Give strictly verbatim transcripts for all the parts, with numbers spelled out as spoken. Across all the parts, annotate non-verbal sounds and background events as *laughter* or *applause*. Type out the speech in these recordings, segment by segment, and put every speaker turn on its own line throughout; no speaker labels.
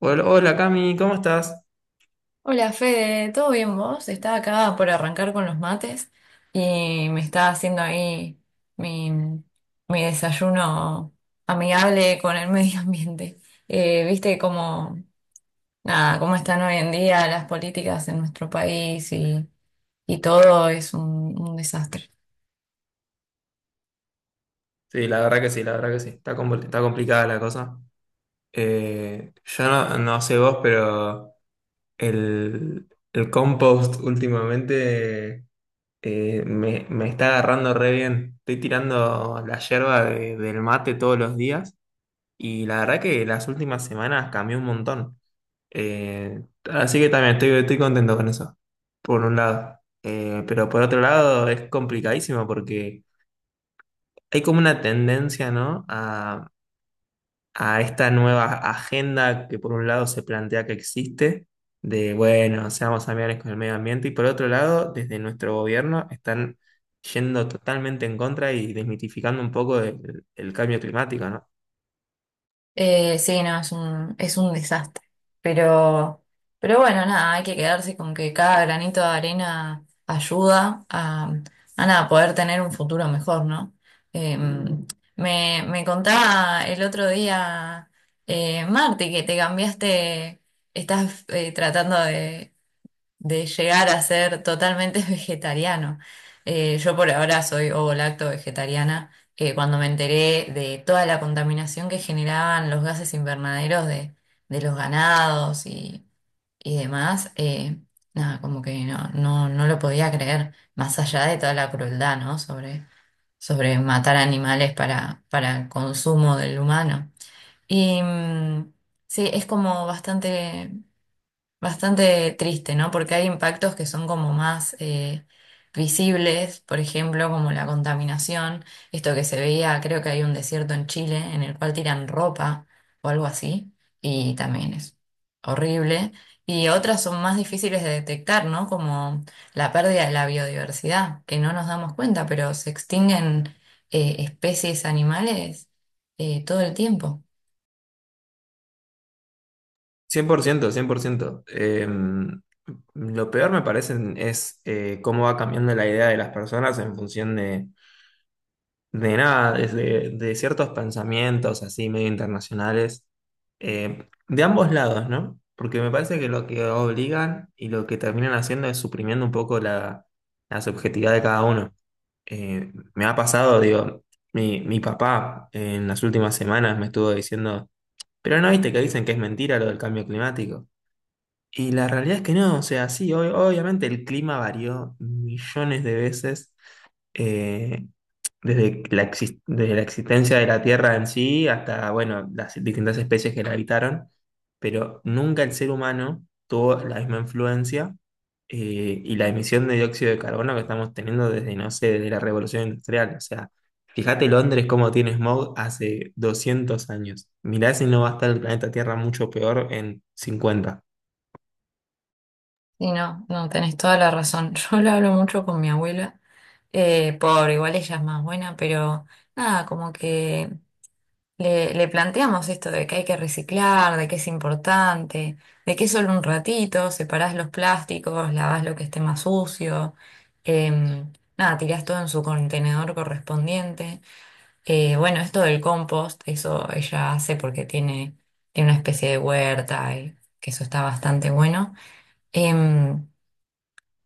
Hola, hola, Cami, ¿cómo estás?
Hola Fede, ¿todo bien vos? Estaba acá por arrancar con los mates y me estaba haciendo ahí mi, mi desayuno amigable con el *laughs* medio ambiente. Eh, viste cómo, nada, cómo están hoy en día las políticas en nuestro país y, y todo es un un desastre.
Sí, la verdad que sí, la verdad que sí. Está, compl- está complicada la cosa. Eh, yo no, no sé vos, pero el, el compost últimamente eh, me, me está agarrando re bien. Estoy tirando la yerba de- del mate todos los días y la verdad que las últimas semanas cambió un montón. Eh, Así que también estoy, estoy contento con eso, por un lado. Eh, pero por otro lado es complicadísimo porque hay como una tendencia, ¿no? A, a esta nueva agenda que por un lado se plantea que existe, de, bueno, seamos amigables con el medio ambiente, y por otro lado, desde nuestro gobierno están yendo totalmente en contra y desmitificando un poco el, el cambio climático, ¿no?
Eh, sí, no, es un, es un desastre. Pero, pero bueno, nada, hay que quedarse con que cada granito de arena ayuda a, a nada, poder tener un futuro mejor, ¿no? Eh, me, me contaba el otro día, eh, Marti, que te cambiaste, estás eh, tratando de de llegar a ser totalmente *laughs* vegetariano. Eh, yo por ahora soy ovo-lacto vegetariana. Eh, cuando me enteré de toda la contaminación que generaban los gases invernaderos de, de los ganados y, y demás, eh, nada, como que no, no, no lo podía creer, más allá de toda la crueldad, ¿no? Sobre, sobre matar animales para, para el consumo del humano. Y mm, sí, es como bastante Bastante triste, ¿no? Porque hay impactos que son como más eh, visibles, por ejemplo, como la contaminación, esto que se veía, creo que hay un desierto en Chile en el cual tiran ropa o algo así, y también es horrible. Y otras son más difíciles de detectar, ¿no? Como la pérdida de la biodiversidad, que no nos damos cuenta, pero se extinguen eh, especies animales eh, todo el tiempo.
cien por ciento, cien por ciento. Eh, lo peor me parece es eh, cómo va cambiando la idea de las personas en función de de nada, desde, de ciertos pensamientos así medio internacionales, eh, de ambos lados, ¿no? Porque me parece que lo que obligan y lo que terminan haciendo es suprimiendo un poco la, la subjetividad de cada uno. Eh, me ha pasado, digo, mi, mi papá en las últimas semanas me estuvo diciendo, pero no viste que dicen que es mentira lo del cambio climático. Y la realidad es que no, o sea, sí, ob- obviamente el clima varió millones de veces. Eh, desde la, exis- Desde la existencia de la Tierra en sí hasta, bueno, las distintas especies que la habitaron, pero nunca el ser humano tuvo la misma influencia eh, y la emisión de dióxido de carbono que estamos teniendo desde, no sé, desde la Revolución Industrial. O sea, fíjate Londres cómo tiene smog hace doscientos años. Mirá si no va a estar el planeta Tierra mucho peor en cincuenta.
Y no, no, tenés toda la razón. *laughs* Yo lo hablo mucho con mi abuela, eh, por igual ella es más buena, pero nada, como que le, le planteamos esto de que hay que reciclar, de que es importante, de que es solo un ratito, separás los plásticos, lavás lo que esté más sucio, em, nada, tirás todo en su contenedor correspondiente. Eh, bueno, esto del compost, eso ella hace porque tiene, tiene una especie de huerta y que eso está bastante bueno. Em,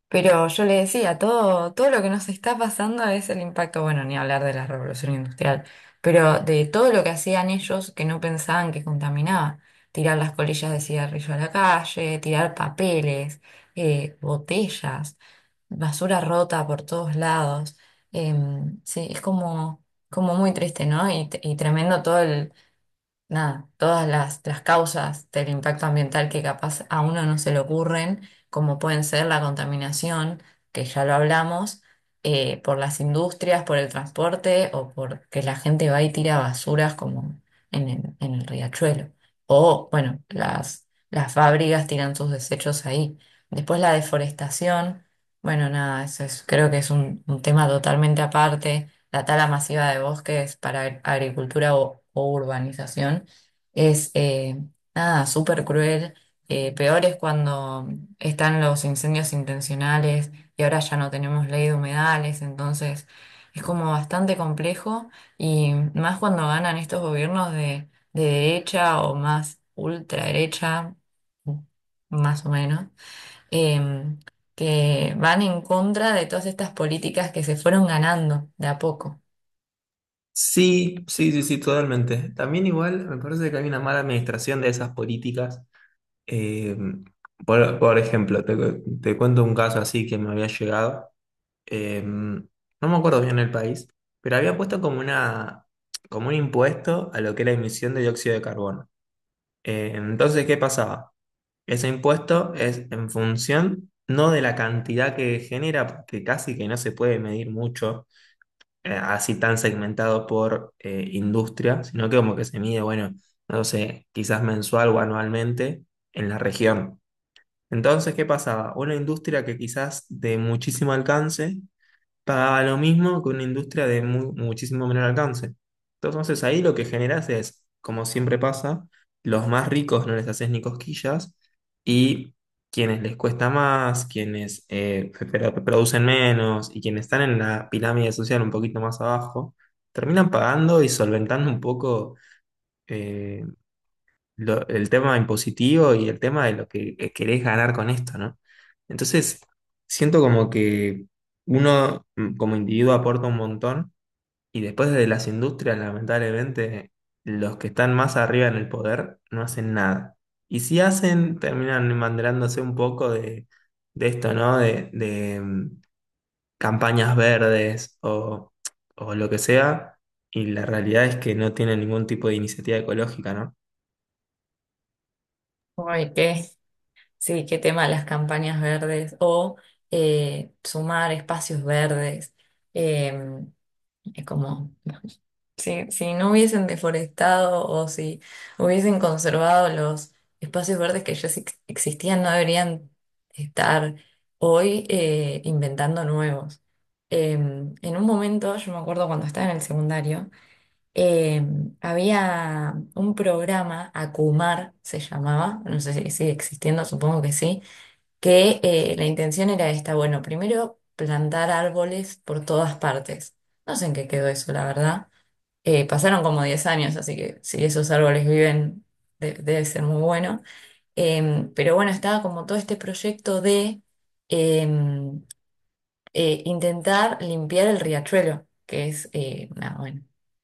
pero yo le decía, todo, todo lo que nos está pasando es el impacto, bueno, ni hablar de la revolución industrial, pero de todo lo que hacían ellos que no pensaban que contaminaba. Tirar las colillas de cigarrillo a la calle, tirar papeles, eh, botellas, basura rota por todos lados. Em, sí, es como, como muy triste, ¿no? Y, y tremendo todo nada, todas las, las causas del impacto ambiental que capaz a uno no se le ocurren, como pueden ser la contaminación, que ya lo hablamos, eh, por las industrias, por el transporte o porque la gente va y tira basuras como en el, en el riachuelo. O, bueno, las, las fábricas tiran sus desechos ahí. Después la deforestación, bueno, nada, eso es, creo que es un, un tema totalmente aparte la tala masiva de bosques para ag- agricultura o, o urbanización es eh, nada, súper cruel. Eh, peor es cuando están los incendios intencionales y ahora ya no tenemos ley de humedales, entonces es como bastante complejo y más cuando ganan estos gobiernos de, de derecha o más ultraderecha, más o menos. em, que van en contra de todas estas políticas que se fueron ganando de a poco.
Sí, sí, sí, sí, totalmente. También igual me parece que hay una mala administración de esas políticas. Eh, por, por ejemplo, te, cu- te cuento un caso así que me había llegado. Eh, no me acuerdo bien el país, pero había puesto como una, como un impuesto a lo que era emisión de dióxido de carbono. Eh, entonces, ¿qué pasaba? Ese impuesto es en función no de la cantidad que genera, porque casi que no se puede medir mucho, eh, así tan segmentado por eh, industria, sino que como que se mide, bueno, no sé, quizás mensual o anualmente en la región. Entonces, ¿qué pasaba? Una industria que quizás de muchísimo alcance pagaba lo mismo que una industria de mu- muchísimo menor alcance. Entonces, ahí lo que generas es, como siempre pasa, los más ricos no les haces ni cosquillas y quienes les cuesta más, quienes eh, pe- pero- producen menos y quienes están en la pirámide social un poquito más abajo, terminan pagando y solventando un poco eh, lo- el tema impositivo y el tema de lo que, que querés ganar con esto, ¿no? Entonces, siento como que uno, mm, como individuo, aporta un montón y después desde las industrias, lamentablemente, los que están más arriba en el poder no hacen nada. Y si hacen, terminan embanderándose un poco de, de esto, ¿no? De, de, mm, campañas verdes o, o lo que sea. Y la realidad es que no tienen ningún tipo de iniciativa ecológica, ¿no?
Ay, qué, sí, qué tema las campañas verdes o eh, sumar espacios verdes. Eh, es como, si, si no hubiesen deforestado o si hubiesen conservado los espacios verdes que ya ex- existían, no deberían estar hoy eh, inventando nuevos. Eh, en un momento, yo me acuerdo cuando estaba en el secundario, eh, había un programa, Acumar se llamaba, no sé si sigue existiendo, supongo que sí, que eh, la intención era esta, bueno, primero plantar árboles por todas partes. No sé en qué quedó eso, la verdad. Eh, pasaron como diez años, así que si esos árboles viven, de- debe ser muy bueno. Em, pero bueno, estaba como todo este proyecto de... em, eh, intentar limpiar el riachuelo, que es, eh, nada, bueno,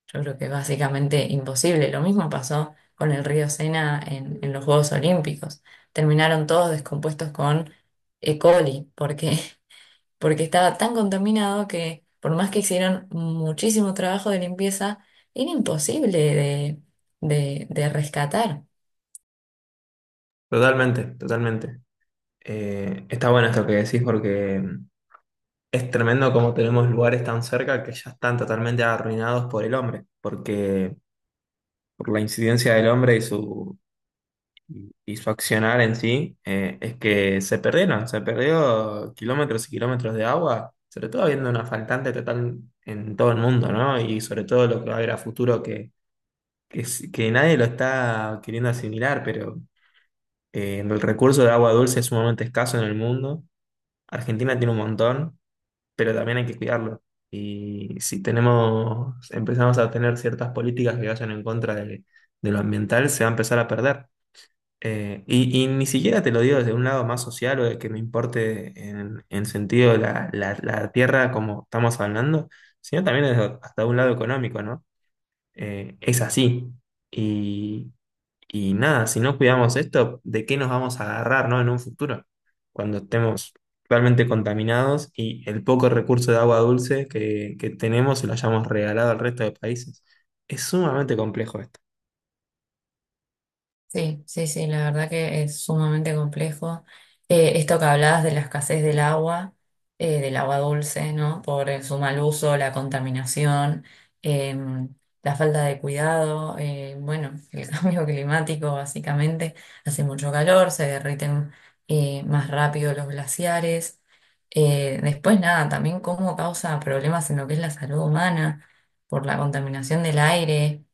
yo creo que es básicamente imposible. Lo mismo pasó con el río Sena en, en los Juegos Olímpicos. Terminaron todos descompuestos con E. coli, porque, *laughs* porque estaba tan contaminado que por más que hicieron muchísimo trabajo de limpieza, era imposible de, de de rescatar.
Totalmente, totalmente. Eh, está bueno esto que decís porque, mm, es tremendo como tenemos lugares tan cerca que ya están totalmente arruinados por el hombre, porque por la incidencia del hombre y su, y, y su accionar en sí. Eh, es que se perdieron, se perdió kilómetros y kilómetros de agua, sobre todo habiendo una faltante total en todo el mundo, ¿no? Y sobre todo lo que va a haber a futuro que, que, s- que nadie lo está queriendo asimilar, pero eh, el recurso de agua dulce es sumamente escaso en el mundo. Argentina tiene un montón, pero también hay que cuidarlo. Y si tenemos, empezamos a tener ciertas políticas que vayan en contra de, de lo ambiental, se va a empezar a perder. Eh, y, y ni siquiera te lo digo desde un lado más social o de que me importe en, en sentido de la, la, la tierra como estamos hablando, sino también desde hasta un lado económico, ¿no? Eh, es así. Y, y nada, si no cuidamos esto, ¿de qué nos vamos a agarrar, ¿no? en un futuro? Cuando estemos realmente contaminados y el poco recurso de agua dulce que, que tenemos se lo hayamos regalado al resto de países. Es sumamente complejo esto.
Sí, sí, sí, la verdad que es sumamente complejo. Eh, esto que hablabas de la escasez del agua, eh, del agua dulce, ¿no? Por el- su mal uso, la contaminación, eh, la falta de cuidado, eh, bueno, el *laughs* cambio climático básicamente. Hace mucho calor, se derriten eh, más rápido los glaciares. Eh, después, nada, también cómo causa problemas en lo que es la salud humana, por la contaminación del aire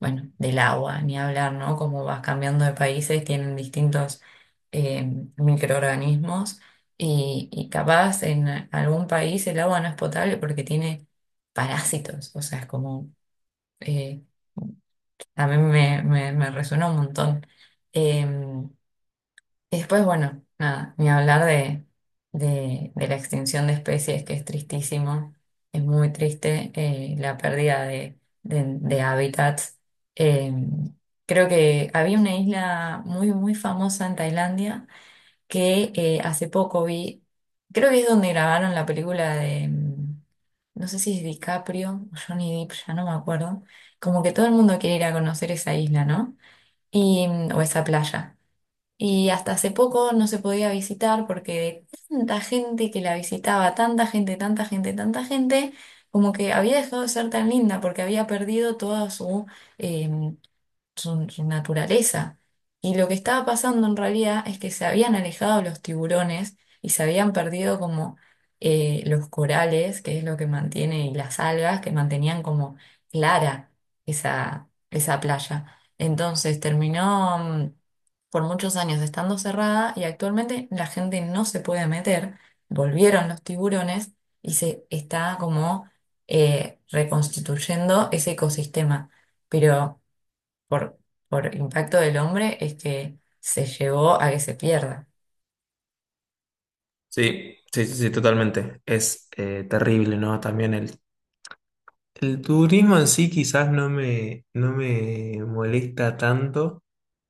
bueno, del agua, ni hablar, ¿no? Como vas cambiando de países, tienen distintos eh, microorganismos y, y capaz en algún país el agua no es potable porque tiene parásitos, o sea, es como, eh, a mí me, me, me resuena un montón. Eh, y después, bueno, nada, ni hablar de, de, de la extinción de especies, que es tristísimo, es muy triste eh, la pérdida de, de, de hábitats. Eh, creo que había una isla muy, muy famosa en Tailandia que eh, hace poco vi, creo que es donde grabaron la película de, mm, no sé si es DiCaprio o Johnny Depp, ya no me acuerdo, como que todo el mundo quiere ir a conocer esa isla, ¿no? Y, mm, o esa playa. Y hasta hace poco no se podía visitar porque de tanta gente que la visitaba, tanta gente, tanta gente, tanta gente, como que había dejado de ser tan linda porque había perdido toda su, em, su, su naturaleza. Y lo que estaba pasando en realidad es que se habían alejado los tiburones y se habían perdido como eh, los corales, que es lo que mantiene, y las algas que mantenían como clara esa, esa playa. Entonces terminó mm, por muchos años estando cerrada y actualmente la gente no se puede meter. Volvieron los tiburones y se está como eh, reconstituyendo ese ecosistema. Pero por, por impacto del hombre es que se llevó a que se pierda.
Sí, sí, sí, sí, totalmente. Es eh, terrible, ¿no? También el, el turismo en sí quizás no me, no me molesta tanto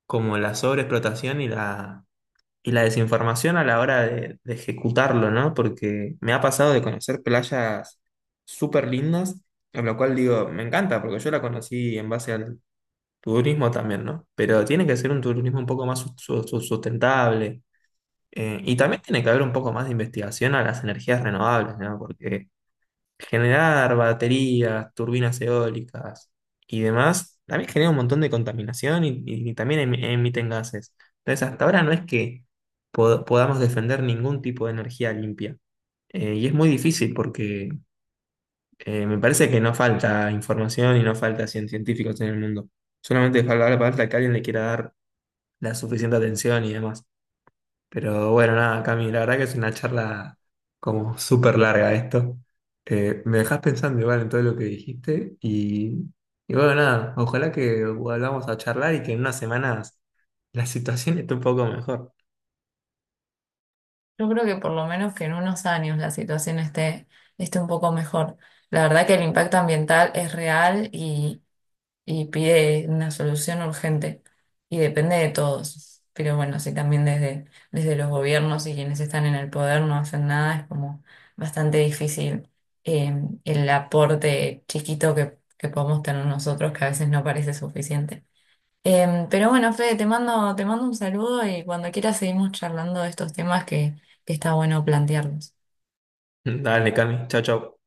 como la sobreexplotación y la y la desinformación a la hora de, de ejecutarlo, ¿no? Porque me ha pasado de conocer playas súper lindas, en lo cual digo, me encanta, porque yo la conocí en base al turismo también, ¿no? Pero tiene que ser un turismo un poco más su- su- su- sustentable. eh, y también tiene que haber un poco más de investigación a las energías renovables, ¿no? Porque generar baterías, turbinas eólicas y demás, también genera un montón de contaminación y, y también em- emiten gases. Entonces, hasta ahora no es que pod- podamos defender ningún tipo de energía limpia. Eh, y es muy difícil porque eh, me parece que no falta información y no falta cien- científicos en el mundo. Solamente falta, falta que alguien le quiera dar la suficiente atención y demás. Pero bueno, nada, Cami, la verdad que es una charla como súper larga esto. Eh, me dejás pensando igual en todo lo que dijiste y, y bueno, nada, ojalá que volvamos a charlar y que en unas semanas la situación esté un poco mejor.
Yo creo que por lo menos que en unos años la situación esté, esté un poco mejor. La verdad que el impacto ambiental es real y, y pide una solución urgente y depende de todos. Pero bueno, si también desde, desde los gobiernos y quienes están en el poder no hacen nada, es como bastante difícil eh, el aporte chiquito que, que podemos tener nosotros, que a veces no parece suficiente. Em, pero bueno, Fede, te mando, te mando un saludo y cuando quieras seguimos charlando de estos temas que, que está bueno plantearlos.
*laughs* Dale, Cami, chao, chao.